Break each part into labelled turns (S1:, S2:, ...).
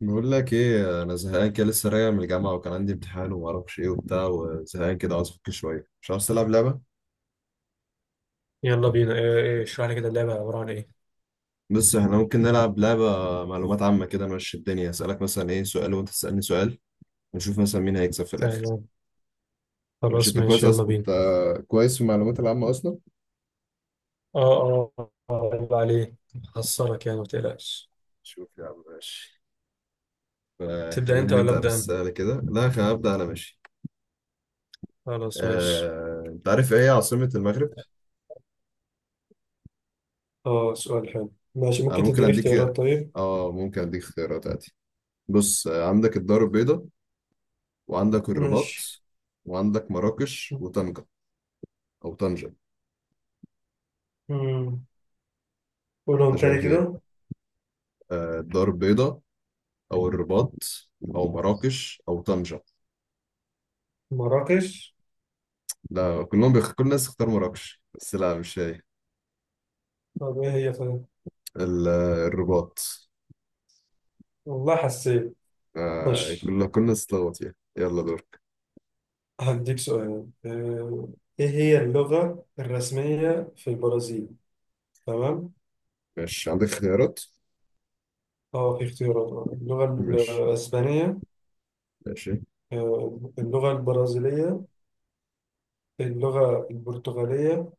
S1: بقول لك ايه، انا زهقان كده، لسه راجع من الجامعه، وكان عندي امتحان وما اعرفش ايه وبتاع، وزهقان كده عاوز افك شويه. مش عاوز تلعب لعبه؟
S2: يلا بينا. إيه، اشرح لي كده. اللعبة عبارة عن ايه؟
S1: بس احنا ممكن نلعب لعبه معلومات عامه كده. ماشي، الدنيا اسالك مثلا ايه سؤال، وانت تسالني سؤال، ونشوف مثلا مين هيكسب في الاخر.
S2: تمام.
S1: ماشي،
S2: خلاص
S1: انت كويس
S2: ماشي، يلا
S1: أص...
S2: بينا.
S1: انت كويس في المعلومات العامه اصلا.
S2: اه، اه، يلا عليك. هخسرك يعني، ما تقلقش.
S1: شوف يا عم، ماشي.
S2: تبدأ
S1: فخلينا
S2: انت ولا
S1: نبدا
S2: أبدأ انا؟
S1: بالسؤال كده. لا، خلينا ابدا انا، ماشي.
S2: خلاص ماشي.
S1: انت عارف ايه هي عاصمه المغرب؟
S2: اه، سؤال حلو. ماشي،
S1: انا
S2: ممكن
S1: ممكن
S2: تديني
S1: اديك
S2: اختيارات؟ طيب.
S1: اه ممكن اديك اختيارات عادي. بص، عندك الدار البيضاء، وعندك
S2: ماشي.
S1: الرباط، وعندك مراكش وطنجة، أو طنجة.
S2: مم. قولهم
S1: أنت
S2: تاني
S1: شايف إيه؟
S2: كده.
S1: الدار البيضاء، أو الرباط، أو مراكش أو طنجة.
S2: مراكش.
S1: لا، كل الناس اختار مراكش، بس لا، مش هي.
S2: طب ايه هي طيب؟
S1: الرباط.
S2: والله حسيت. ماشي،
S1: كل الناس اتلخبط فيها، يلا دورك.
S2: هديك سؤال. ايه هي اللغة الرسمية في البرازيل؟ تمام.
S1: ماشي، عندك خيارات؟
S2: اه، في اختيارات. اللغة
S1: ماشي،
S2: الأسبانية،
S1: ماشي،
S2: اللغة البرازيلية، اللغة البرتغالية،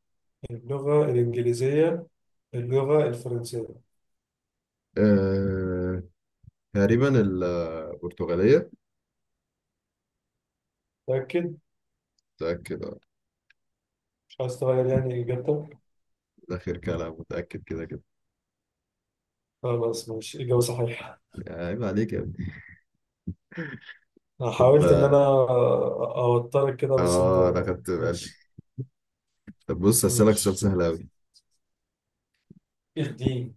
S2: اللغة الإنجليزية، اللغة الفرنسية.
S1: آه... تقريبا البرتغالية.
S2: متأكد؟
S1: متأكد،
S2: مش عايز تغير يعني إجابتك؟
S1: ده آخر كلام، متأكد كده كده.
S2: خلاص ماشي، إجابة صحيحة.
S1: عيب عليك يا ابني.
S2: أنا
S1: طب،
S2: حاولت إن أنا
S1: اه.
S2: أوترك كده، بس أنت
S1: انا خدت بالي.
S2: ماشي.
S1: طب بص، هسألك سؤال
S2: ماشي.
S1: سهل أوي.
S2: الدين.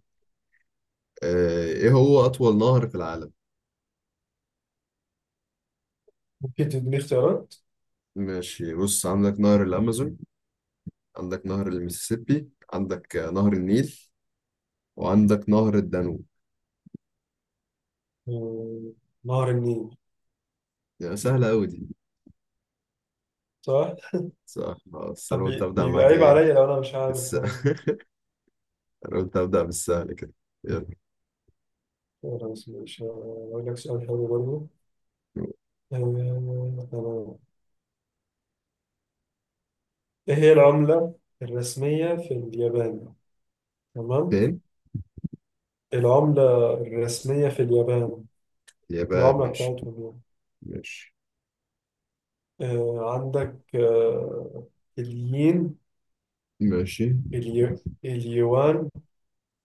S1: إيه هو أطول نهر في العالم؟
S2: ممكن تديني اختيارات؟
S1: ماشي، بص، عندك نهر الأمازون، عندك نهر المسيسيبي، عندك نهر النيل، وعندك نهر الدانوب.
S2: آه، نهر النيل.
S1: يعني سهلة أوي دي.
S2: صح؟
S1: صح. بس أنا
S2: طب
S1: قلت أبدأ
S2: بيبقى
S1: معاك،
S2: عيب
S1: إيه
S2: عليا لو أنا مش عارف
S1: بس.
S2: طبعا.
S1: أنا قلت أبدأ بالسهل كده. يلا.
S2: خلاص ماشي، هقول لك سؤال حلو برضه. تمام. ايه هي العملة الرسمية في اليابان؟ تمام.
S1: فين؟
S2: العملة الرسمية في اليابان.
S1: اليابان،
S2: العملة
S1: ماشي.
S2: بتاعتهم
S1: ماشي،
S2: يعني. عندك الين،
S1: ماشي،
S2: اليو اليوان،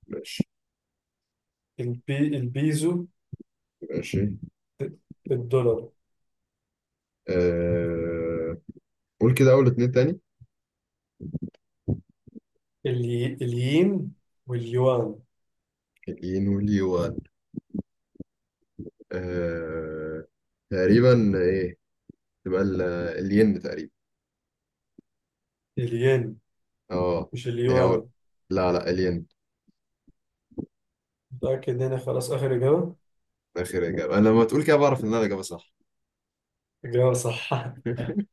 S1: ماشي،
S2: البيزو،
S1: ماشي،
S2: الدولار.
S1: آه... قول كده أول اتنين تاني.
S2: الين واليوان.
S1: الين واليوان. آه... تقريبا إيه؟ تبقى ال- الين تقريبا.
S2: الين،
S1: اه،
S2: مش
S1: اللي هو،
S2: اليوان.
S1: لا لا الين.
S2: متأكد هنا، خلاص آخر إجابة.
S1: اخر اجابه. انا لما تقول كده، بعرف ان انا الاجابه صح.
S2: إجابة صح.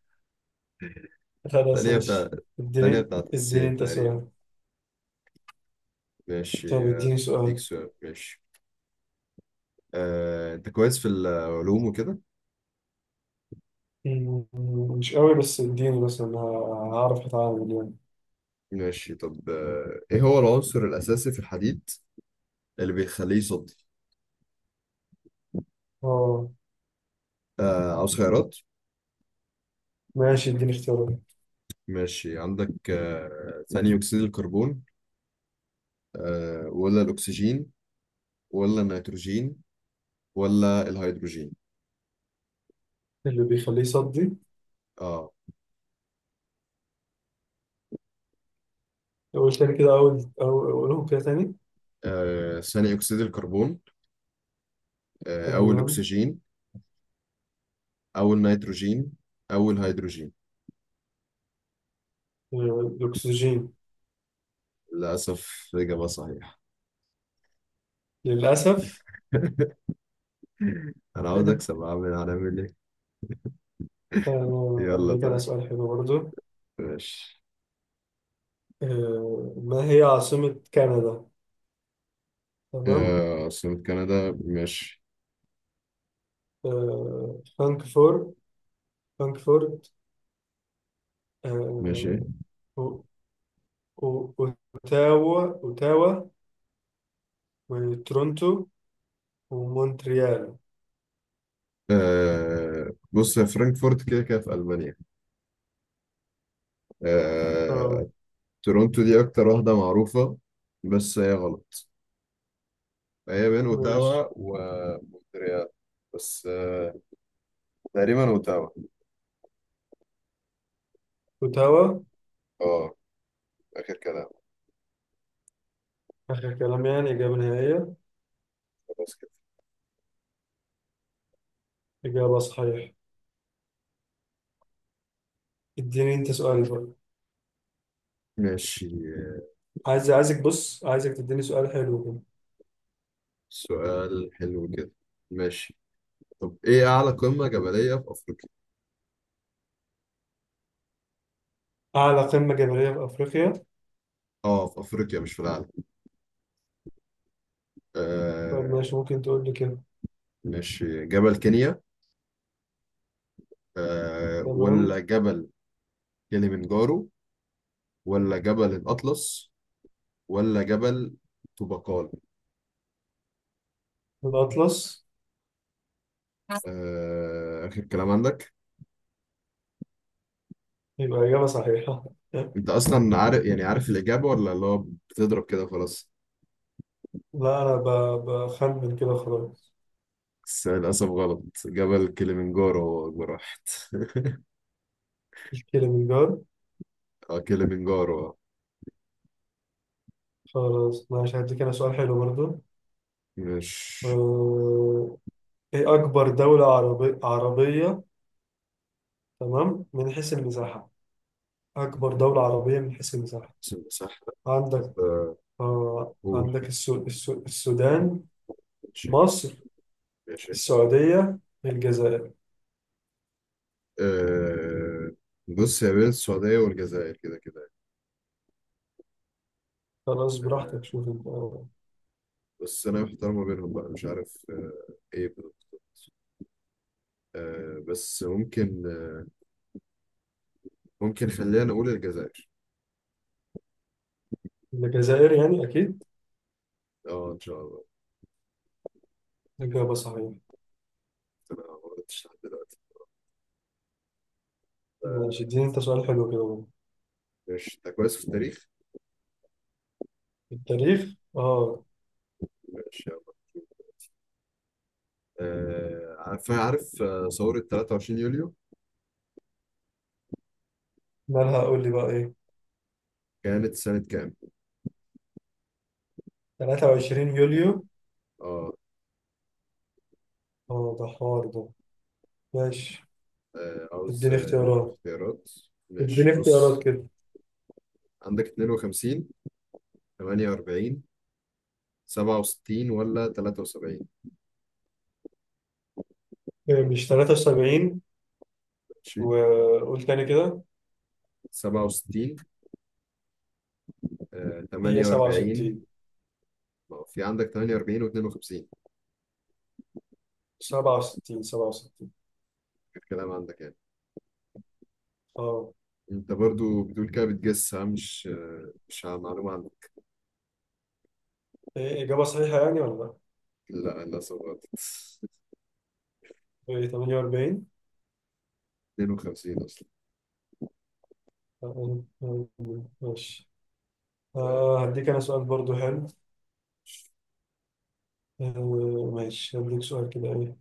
S2: خلاص
S1: الثانيه بتاع
S2: ماشي.
S1: الثانيه
S2: اديني
S1: بتاعت
S2: اديني
S1: الصين
S2: انت
S1: تقريبا.
S2: سؤال.
S1: ماشي،
S2: طب اديني
S1: اديك
S2: سؤال.
S1: سؤال، ماشي. انت كويس في العلوم وكده؟
S2: مم، مش قوي، بس اديني مثلا هعرف اتعامل يعني.
S1: ماشي، طب، ايه هو العنصر الاساسي في الحديد اللي بيخليه يصدي؟
S2: اه.
S1: عاوز خيارات؟
S2: ماشي، اديني اختيارات.
S1: ماشي، عندك ثاني اكسيد الكربون، ولا الاكسجين، ولا النيتروجين، ولا الهيدروجين.
S2: اللي بيخليه يصدي؟
S1: اه.
S2: اقول تاني كده. اقولهم كده تاني.
S1: ثاني أكسيد الكربون، أو
S2: تمام.
S1: الأكسجين، أو النيتروجين، أو الهيدروجين.
S2: الاكسجين.
S1: للأسف إجابة صحيحة.
S2: للاسف.
S1: أنا عاوز أكسب، هنعمل إيه؟ يلا
S2: اديك انا
S1: طيب.
S2: سؤال حلو برضو.
S1: ماشي،
S2: ما هي عاصمة كندا؟ تمام.
S1: عاصمة كندا، ماشي،
S2: آه، فانكفور فانكفورت،
S1: ماشي،
S2: آه، أو- أو- اوتاوا اوتاوا، وتورونتو، ومونتريال.
S1: بص يا فرانكفورت، كده كده في ألمانيا. آه،
S2: اه.
S1: تورونتو دي أكتر واحدة معروفة، بس هي غلط. هي بين أوتاوا
S2: ماشي.
S1: ومونتريال، بس تقريبا أوتاوا.
S2: وتوا.
S1: اه، آخر كلام.
S2: آخر كلام يعني إجابة نهائية.
S1: خلاص كده.
S2: إجابة صحيحة. اديني أنت سؤال بقى.
S1: ماشي،
S2: عايزك، بص، عايزك تديني سؤال حلو كده.
S1: سؤال حلو كده، ماشي. طب، ايه اعلى قمة جبلية في افريقيا؟
S2: أعلى قمة جبلية في أفريقيا.
S1: اه، في افريقيا، مش في العالم.
S2: طب
S1: آه
S2: ماشي، ممكن تقول لي كده.
S1: ماشي، جبل كينيا،
S2: تمام.
S1: ولا جبل كليمنجارو، ولا جبل الاطلس، ولا جبل طوبقال.
S2: الأطلس.
S1: اخر كلام عندك؟
S2: يبقى إجابة صحيحة.
S1: انت اصلا عارف، يعني عارف الاجابة، ولا اللي هو بتضرب كده خلاص؟
S2: لا، أنا بخمن كده خلاص.
S1: بس للاسف غلط، جبل كليمنجارو هو اكبر واحد.
S2: الكليمنجارو.
S1: اه، كليمنجارو.
S2: خلاص ماشي، هديك أنا سؤال حلو برضه.
S1: ماشي،
S2: أه... إيه أكبر دولة عربية، تمام، من حيث المساحة. أكبر دولة عربية من حيث المساحة.
S1: صح. طب
S2: عندك
S1: قول.
S2: عندك السودان،
S1: ماشي،
S2: مصر،
S1: ماشي.
S2: السعودية، الجزائر.
S1: أه، بص، هي بين السعودية والجزائر كده كده.
S2: خلاص
S1: أه،
S2: براحتك، شوف انت.
S1: بس أنا محتار ما بينهم بقى، مش عارف إيه بالظبط. أه بس ممكن، خلينا نقول الجزائر.
S2: الجزائر يعني أكيد.
S1: أه، إن شاء الله.
S2: إجابة صحيحة.
S1: أنا ما غلطتش لحد دلوقتي.
S2: ماشي،
S1: آه،
S2: اديني انت سؤال حلو كده بقى.
S1: ماشي، أنت كويس في التاريخ؟
S2: التاريخ، اه.
S1: ماشي يلا. عارف ثورة 23 يوليو،
S2: مالها، قول لي بقى ايه.
S1: كانت سنة كام؟
S2: 23 يوليو.
S1: أه.
S2: اه، ده حوار ده. ماشي،
S1: عاوز
S2: اديني اختيارات.
S1: اختيارات.
S2: اديني
S1: ماشي
S2: اختيارات
S1: بص،
S2: كده.
S1: عندك 52، 48، 67، ولا 73؟
S2: إيه، مش 73.
S1: ماشي،
S2: وقول تاني كده.
S1: 67،
S2: هي
S1: 48.
S2: 67،
S1: ما هو في عندك 48 و52.
S2: 67، 67.
S1: الكلام عندك يعني.
S2: اه.
S1: انت برضو بتقول كده، بتجس ها؟ مش على معلومة عندك.
S2: إيه، إجابة صحيحة يعني ولا لأ؟
S1: لا، للأسف غلط.
S2: ايه، 48.
S1: 52 أصلا.
S2: ماشي.
S1: آه،
S2: هديك انا سؤال برضو حلو. ماشي، هديك سؤال كده ايه.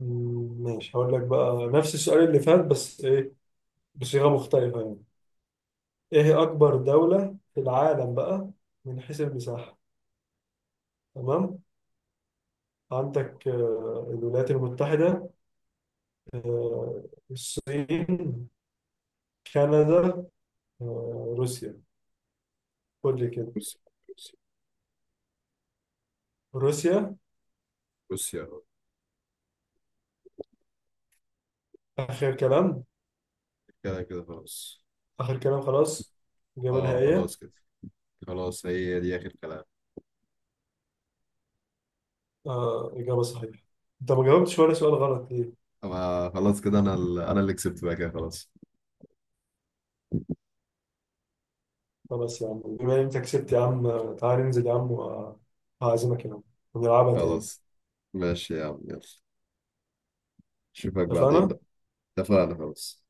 S2: ماشي، هقول لك بقى نفس السؤال اللي فات، بس ايه، بصيغة مختلفة يعني. ايه هي اكبر دولة في العالم بقى، من حيث المساحة؟ تمام. عندك الولايات المتحدة، آه الصين، كندا، روسيا. قول لي كده.
S1: بص بص
S2: روسيا.
S1: بص يا رب،
S2: اخر كلام.
S1: كده كده خلاص.
S2: اخر كلام، خلاص. إجابة
S1: اه،
S2: نهائية.
S1: خلاص كده. خلاص هي دي آخر كلام.
S2: إجابة صحيحة. أنت ما جاوبتش ولا سؤال غلط ليه؟
S1: أما خلاص كده، أنا اللي كسبت بقى، كده خلاص.
S2: خلاص يا عم، بما إن أنت كسبت يا عم، تعالى ننزل يا عم، وهعزمك يا عم، ونلعبها تاني.
S1: خلاص ماشي يا عم، يلا، اشوفك بعدين
S2: اتفقنا؟
S1: بقى. اتفقنا خلاص.